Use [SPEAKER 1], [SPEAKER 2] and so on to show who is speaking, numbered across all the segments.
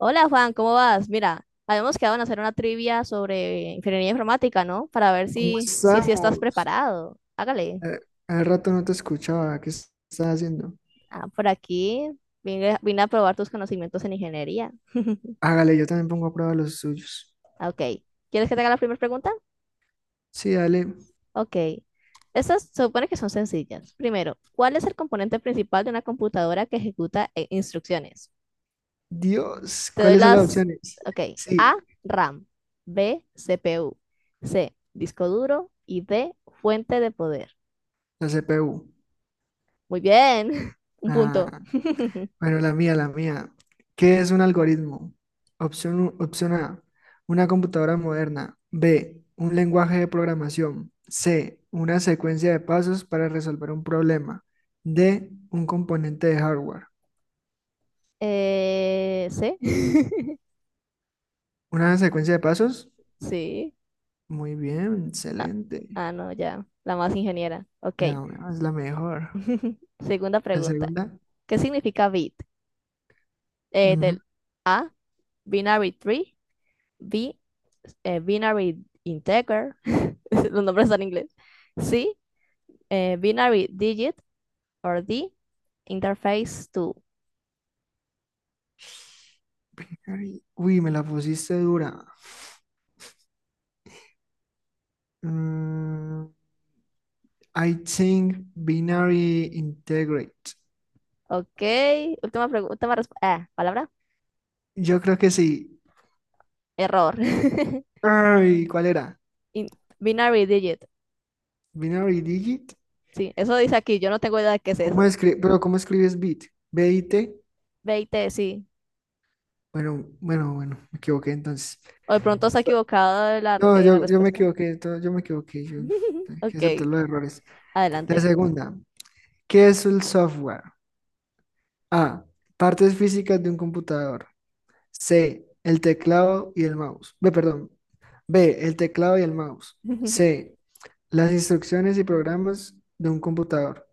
[SPEAKER 1] Hola Juan, ¿cómo vas? Mira, habíamos quedado en hacer una trivia sobre ingeniería informática, ¿no? Para ver
[SPEAKER 2] ¿Cómo
[SPEAKER 1] si estás
[SPEAKER 2] estamos?
[SPEAKER 1] preparado. Hágale.
[SPEAKER 2] Eh, Hace rato no te escuchaba. ¿Estás haciendo?
[SPEAKER 1] Ah, por aquí vine a probar tus conocimientos en ingeniería.
[SPEAKER 2] Hágale, yo también pongo a prueba los suyos.
[SPEAKER 1] Ah, Ok. ¿Quieres que te haga la primera pregunta?
[SPEAKER 2] Sí, dale.
[SPEAKER 1] Ok. Estas se supone que son sencillas. Primero, ¿cuál es el componente principal de una computadora que ejecuta instrucciones?
[SPEAKER 2] Dios,
[SPEAKER 1] Te doy
[SPEAKER 2] ¿cuáles son las
[SPEAKER 1] las...
[SPEAKER 2] opciones?
[SPEAKER 1] Ok. A,
[SPEAKER 2] Sí,
[SPEAKER 1] RAM. B, CPU. C, disco duro. Y D, fuente de poder.
[SPEAKER 2] la CPU.
[SPEAKER 1] Muy bien, un punto.
[SPEAKER 2] Ah, bueno, la mía, la mía. ¿Qué es un algoritmo? Opción A, una computadora moderna. B, un lenguaje de programación. C, una secuencia de pasos para resolver un problema. D, un componente de hardware.
[SPEAKER 1] ¿Sí?
[SPEAKER 2] ¿Una secuencia de pasos?
[SPEAKER 1] Sí.
[SPEAKER 2] Muy bien,
[SPEAKER 1] Ah,
[SPEAKER 2] excelente.
[SPEAKER 1] ah, no, ya. La más ingeniera. Ok.
[SPEAKER 2] La una es la mejor.
[SPEAKER 1] Segunda
[SPEAKER 2] La
[SPEAKER 1] pregunta.
[SPEAKER 2] segunda.
[SPEAKER 1] ¿Qué significa bit?
[SPEAKER 2] Ujú,
[SPEAKER 1] Del A, binary tree. B, binary integer. Los nombres están en inglés. C, binary digit. Or D, interface to.
[SPEAKER 2] binary. Uy, me la pusiste dura. Mm, I think binary integrate.
[SPEAKER 1] Ok. Última pregunta. Última palabra.
[SPEAKER 2] Yo creo que sí.
[SPEAKER 1] Error.
[SPEAKER 2] Ay, ¿cuál era?
[SPEAKER 1] In- binary digit.
[SPEAKER 2] Binary digit.
[SPEAKER 1] Sí, eso dice aquí, yo no tengo idea de qué es
[SPEAKER 2] ¿Cómo
[SPEAKER 1] eso.
[SPEAKER 2] escribes? Pero ¿cómo escribes bit? B-I-T.
[SPEAKER 1] 20, sí.
[SPEAKER 2] Bueno, bueno, bueno, me equivoqué entonces.
[SPEAKER 1] O de pronto se ha equivocado de la,
[SPEAKER 2] No,
[SPEAKER 1] eh, la
[SPEAKER 2] yo me
[SPEAKER 1] respuesta.
[SPEAKER 2] equivoqué, yo me equivoqué. Yo, hay que aceptar
[SPEAKER 1] Ok,
[SPEAKER 2] los errores. La
[SPEAKER 1] adelante.
[SPEAKER 2] segunda. ¿Qué es el software? A. Partes físicas de un computador. C. El teclado y el mouse. B, perdón. B. El teclado y el mouse. C. Las instrucciones y programas de un computador.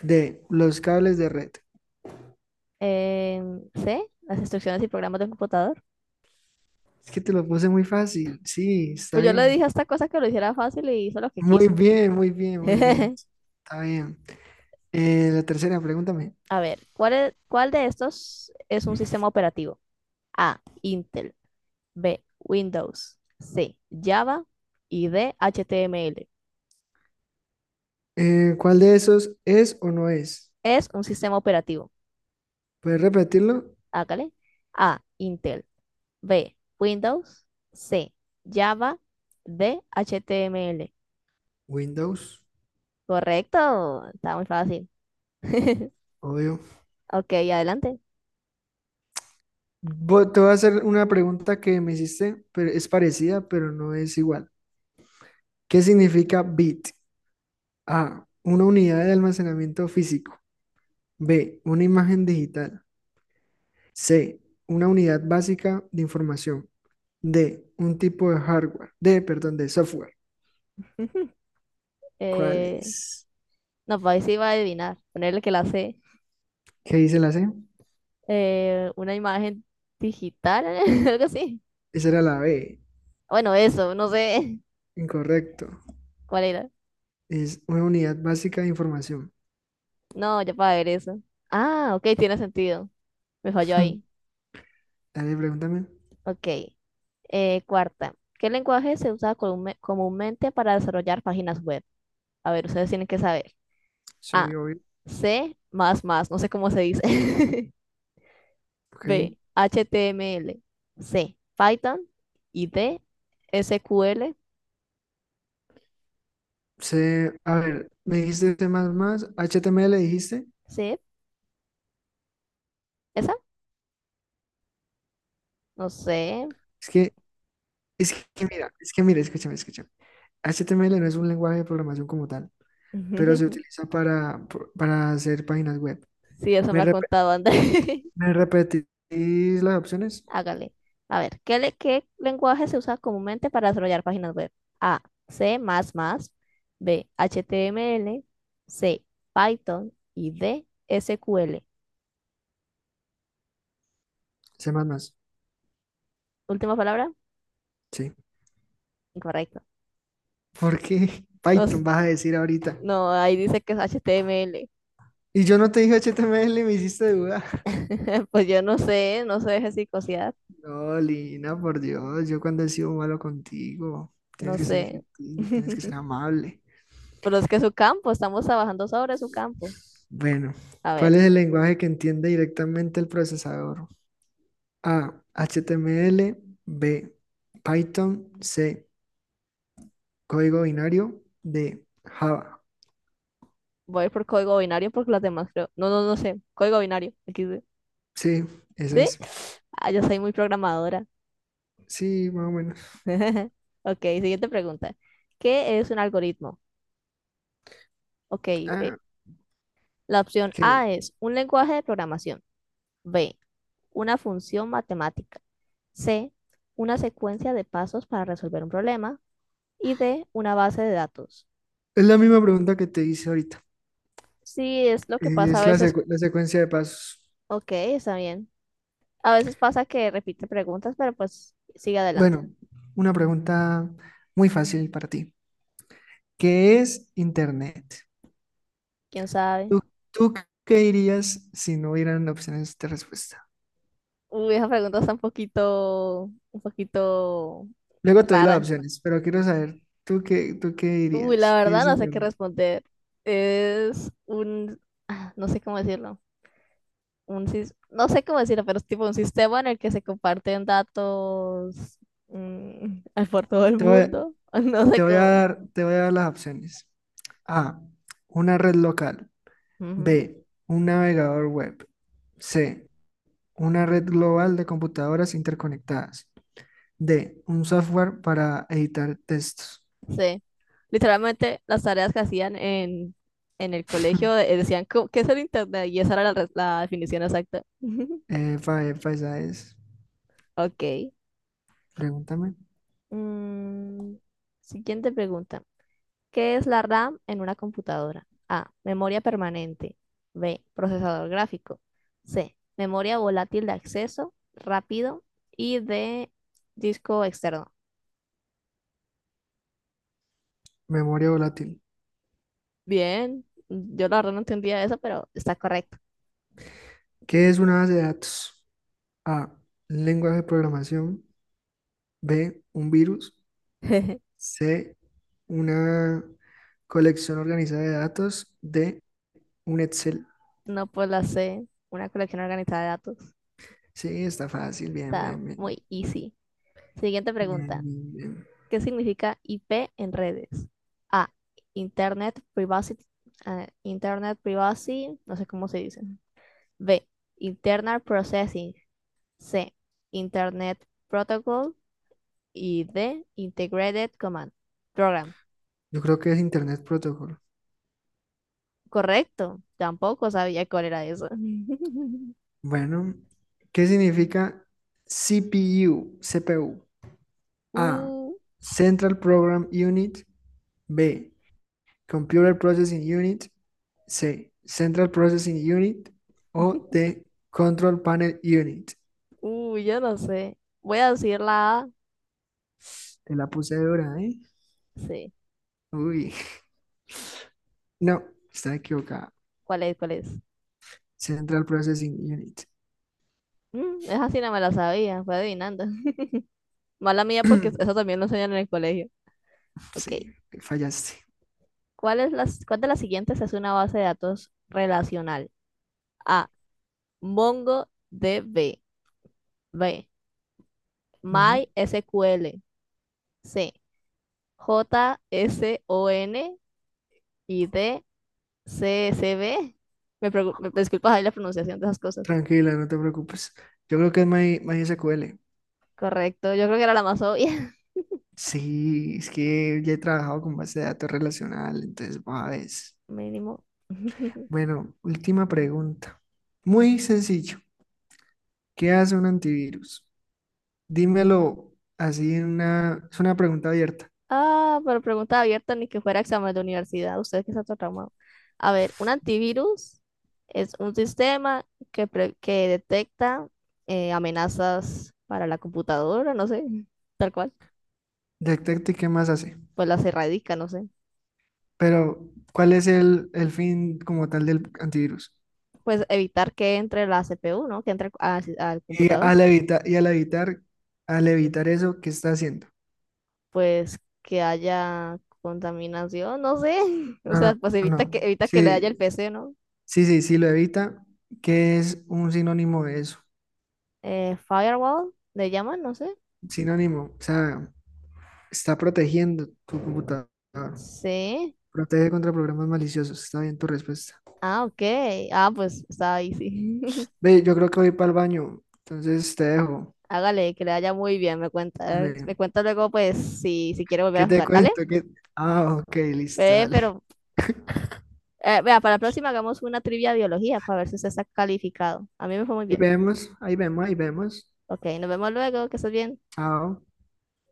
[SPEAKER 2] D. Los cables de red.
[SPEAKER 1] C, las instrucciones y programas de computador.
[SPEAKER 2] Es que te lo puse muy fácil. Sí, está
[SPEAKER 1] Pues yo le
[SPEAKER 2] bien.
[SPEAKER 1] dije a esta cosa que lo hiciera fácil y hizo lo que
[SPEAKER 2] Muy
[SPEAKER 1] quiso.
[SPEAKER 2] bien, muy bien, muy bien. Está bien. La tercera, pregúntame.
[SPEAKER 1] A ver, ¿Cuál de estos es un sistema operativo? A, Intel, B, Windows, C, Java y D, HTML.
[SPEAKER 2] ¿Cuál de esos es o no es?
[SPEAKER 1] Es un sistema operativo.
[SPEAKER 2] ¿Puedes repetirlo?
[SPEAKER 1] Hágale. A, Intel. B, Windows. C, Java. D, HTML.
[SPEAKER 2] Windows,
[SPEAKER 1] Correcto, está muy fácil.
[SPEAKER 2] obvio.
[SPEAKER 1] Ok, adelante.
[SPEAKER 2] Te voy a hacer una pregunta que me hiciste, pero es parecida, pero no es igual. ¿Qué significa bit? A. Una unidad de almacenamiento físico. B. Una imagen digital. C. Una unidad básica de información. D. Un tipo de hardware. D. Perdón, de software. ¿Cuál
[SPEAKER 1] Eh,
[SPEAKER 2] es?
[SPEAKER 1] no, pues ahí sí iba a adivinar. Ponerle que la C.
[SPEAKER 2] ¿Qué dice la C?
[SPEAKER 1] Una imagen digital, algo así.
[SPEAKER 2] Esa era la B.
[SPEAKER 1] Bueno, eso, no sé
[SPEAKER 2] Incorrecto.
[SPEAKER 1] cuál era.
[SPEAKER 2] Es una unidad básica de información.
[SPEAKER 1] No, ya para ver eso. Ah, ok, tiene sentido. Me falló ahí.
[SPEAKER 2] Dale, pregúntame.
[SPEAKER 1] Ok. Cuarta. ¿Qué lenguaje se usa comúnmente para desarrollar páginas web? A ver, ustedes tienen que saber.
[SPEAKER 2] Sí,
[SPEAKER 1] A.
[SPEAKER 2] obvio.
[SPEAKER 1] C. Más más. No sé cómo se dice.
[SPEAKER 2] Ok.
[SPEAKER 1] B. HTML C. Python. Y D. SQL
[SPEAKER 2] C, a ver, me dijiste C++, HTML dijiste.
[SPEAKER 1] C. ¿Esa? No sé.
[SPEAKER 2] Es que, es que mira, escúchame, escúchame. HTML no es un lenguaje de programación como tal, pero se utiliza para, para hacer páginas web.
[SPEAKER 1] Sí, eso
[SPEAKER 2] ¿Me,
[SPEAKER 1] me ha
[SPEAKER 2] rep-
[SPEAKER 1] contado André.
[SPEAKER 2] me repetís las opciones?
[SPEAKER 1] Hágale. A ver, ¿Qué lenguaje se usa comúnmente para desarrollar páginas web? A. C++. B. HTML C. Python. Y D. s q l
[SPEAKER 2] C++,
[SPEAKER 1] Última palabra.
[SPEAKER 2] sí.
[SPEAKER 1] Incorrecto.
[SPEAKER 2] ¿Por qué
[SPEAKER 1] Nos-
[SPEAKER 2] Python vas a decir ahorita?
[SPEAKER 1] no, ahí dice que es HTML
[SPEAKER 2] Y yo no te dije HTML y me hiciste duda.
[SPEAKER 1] Pues yo no sé, no se deje psicosear,
[SPEAKER 2] No, Lina, por Dios, yo cuando he sido malo contigo, tienes
[SPEAKER 1] no
[SPEAKER 2] que ser
[SPEAKER 1] sé.
[SPEAKER 2] gentil, tienes que ser amable.
[SPEAKER 1] Pero es que es su campo, estamos trabajando sobre su campo.
[SPEAKER 2] Bueno,
[SPEAKER 1] A ver,
[SPEAKER 2] ¿cuál es el lenguaje que entiende directamente el procesador? A, HTML, B, Python, C, código binario, D, Java.
[SPEAKER 1] voy a ir por código binario porque las demás creo. No, no, no sé. Código binario. Aquí sí.
[SPEAKER 2] Sí, esa
[SPEAKER 1] ¿Sí?
[SPEAKER 2] es.
[SPEAKER 1] Ah, yo soy muy programadora.
[SPEAKER 2] Sí, más o menos.
[SPEAKER 1] Ok, siguiente pregunta. ¿Qué es un algoritmo? Ok,
[SPEAKER 2] Ah,
[SPEAKER 1] la opción
[SPEAKER 2] ok.
[SPEAKER 1] A es un lenguaje de programación. B, una función matemática. C, una secuencia de pasos para resolver un problema. Y D, una base de datos.
[SPEAKER 2] Es la misma pregunta que te hice ahorita.
[SPEAKER 1] Sí, es lo que pasa a
[SPEAKER 2] Es la
[SPEAKER 1] veces.
[SPEAKER 2] secu- la secuencia de pasos.
[SPEAKER 1] Ok, está bien. A veces pasa que repite preguntas, pero pues sigue adelante.
[SPEAKER 2] Bueno, una pregunta muy fácil para ti. ¿Qué es Internet?
[SPEAKER 1] ¿Quién sabe?
[SPEAKER 2] ¿Tú, tú qué dirías si no hubieran opciones de respuesta?
[SPEAKER 1] Uy, esa pregunta está un poquito
[SPEAKER 2] Luego te doy las
[SPEAKER 1] rara.
[SPEAKER 2] opciones, pero quiero saber, ¿Tú qué
[SPEAKER 1] Uy, la
[SPEAKER 2] dirías? ¿Qué
[SPEAKER 1] verdad
[SPEAKER 2] es
[SPEAKER 1] no sé qué
[SPEAKER 2] internet?
[SPEAKER 1] responder. Es un, no sé cómo decirlo. No sé cómo decirlo, pero es tipo un sistema en el que se comparten datos mm, por todo el
[SPEAKER 2] Te voy, a-
[SPEAKER 1] mundo. No sé
[SPEAKER 2] te voy a
[SPEAKER 1] cómo.
[SPEAKER 2] dar, te voy a dar las opciones. A, una red local.
[SPEAKER 1] Ujú.
[SPEAKER 2] B, un navegador web. C, una red global de computadoras interconectadas. D, un software para editar textos.
[SPEAKER 1] Sí. Literalmente las tareas que hacían en el colegio decían, "¿Qué es el internet? Y esa era la definición exacta.
[SPEAKER 2] Efa, efa, esa es.
[SPEAKER 1] Ok.
[SPEAKER 2] Pregúntame.
[SPEAKER 1] Mm, siguiente pregunta. ¿Qué es la RAM en una computadora? A. Memoria permanente. B. Procesador gráfico. C. Memoria volátil de acceso rápido. Y D. Disco externo.
[SPEAKER 2] Memoria volátil.
[SPEAKER 1] Bien. Yo la verdad no entendía eso, pero está correcto.
[SPEAKER 2] ¿Qué es una base de datos? A, lenguaje de programación. B, un virus. C, una colección organizada de datos de un Excel.
[SPEAKER 1] No, pues la C, una colección organizada de datos.
[SPEAKER 2] Sí, está fácil, bien,
[SPEAKER 1] Está
[SPEAKER 2] bien, bien.
[SPEAKER 1] muy easy. Siguiente
[SPEAKER 2] Bien,
[SPEAKER 1] pregunta.
[SPEAKER 2] bien, bien.
[SPEAKER 1] ¿Qué significa IP en redes? A, Internet Privacy, Internet Privacy, no sé cómo se dice. B, Internal Processing. C, Internet Protocol. Y D, Integrated Command Program.
[SPEAKER 2] Yo creo que es Internet Protocol.
[SPEAKER 1] Correcto. Tampoco sabía cuál era eso.
[SPEAKER 2] Bueno, ¿qué significa CPU? CPU. A,
[SPEAKER 1] Uh,
[SPEAKER 2] Central Program Unit. B, Computer Processing Unit. C, Central Processing Unit. O D, Control Panel Unit.
[SPEAKER 1] yo no sé. Voy a decir la A.
[SPEAKER 2] Te la puse dura, ¿eh?
[SPEAKER 1] Sí.
[SPEAKER 2] Uy, no, está equivocada.
[SPEAKER 1] ¿Cuál es? ¿Cuál es?
[SPEAKER 2] Central Processing Unit.
[SPEAKER 1] Esa sí no me la sabía, fue adivinando. Mala mía porque eso también lo enseñan en el colegio. Ok.
[SPEAKER 2] Sí, fallaste.
[SPEAKER 1] ¿Cuál de las siguientes es una base de datos relacional? A. MongoDB. B.
[SPEAKER 2] Ujú.
[SPEAKER 1] MySQL. C. JSON. Y D. CSV Me disculpas ahí la pronunciación de esas cosas.
[SPEAKER 2] Tranquila, no te preocupes. Yo creo que es MySQL.
[SPEAKER 1] Correcto. Yo creo que era la más obvia.
[SPEAKER 2] Sí, es que ya he trabajado con base de datos relacional, entonces, va, ves.
[SPEAKER 1] Mínimo.
[SPEAKER 2] Bueno, última pregunta. Muy sencillo. ¿Qué hace un antivirus? Dímelo así en una... Es una pregunta abierta.
[SPEAKER 1] Ah, pero pregunta abierta, ni que fuera examen de universidad. Usted que está todo traumado. A ver, un antivirus es un sistema que detecta amenazas para la computadora, no sé, tal cual.
[SPEAKER 2] Detecte qué más hace.
[SPEAKER 1] Pues las erradica, no sé.
[SPEAKER 2] Pero, ¿cuál es el fin como tal del antivirus?
[SPEAKER 1] Pues evitar que entre la CPU, ¿no? Que entre al
[SPEAKER 2] Y
[SPEAKER 1] computador.
[SPEAKER 2] al evitar, y al evitar, al evitar eso, ¿qué está haciendo?
[SPEAKER 1] Pues que haya contaminación, no sé. O
[SPEAKER 2] No,
[SPEAKER 1] sea,
[SPEAKER 2] no,
[SPEAKER 1] pues
[SPEAKER 2] no.
[SPEAKER 1] evita que,
[SPEAKER 2] No.
[SPEAKER 1] evita que le haya el
[SPEAKER 2] Sí,
[SPEAKER 1] PC, ¿no?
[SPEAKER 2] sí, sí, sí lo evita. ¿Qué es un sinónimo de eso?
[SPEAKER 1] Firewall, le llaman, no sé.
[SPEAKER 2] Sinónimo, o sea, está protegiendo tu computador.
[SPEAKER 1] Sí.
[SPEAKER 2] Protege contra programas maliciosos. Está bien tu respuesta.
[SPEAKER 1] Ah, ok. Ah, pues está ahí, sí.
[SPEAKER 2] Ve, yo creo que voy para el baño. Entonces te dejo.
[SPEAKER 1] Hágale, que le vaya muy bien, me cuenta. Me
[SPEAKER 2] Vale.
[SPEAKER 1] cuenta luego, pues, si quiere volver
[SPEAKER 2] ¿Qué
[SPEAKER 1] a
[SPEAKER 2] te
[SPEAKER 1] jugar, ¿vale?
[SPEAKER 2] cuento? ¿Qué... Ah, ok, listo,
[SPEAKER 1] Ve,
[SPEAKER 2] dale.
[SPEAKER 1] pero, vea, para la próxima hagamos una trivia de biología para ver si usted está calificado. A mí me fue muy
[SPEAKER 2] Ahí
[SPEAKER 1] bien.
[SPEAKER 2] vemos, ahí vemos, ahí vemos.
[SPEAKER 1] Ok, nos vemos luego, que estés bien.
[SPEAKER 2] Chao.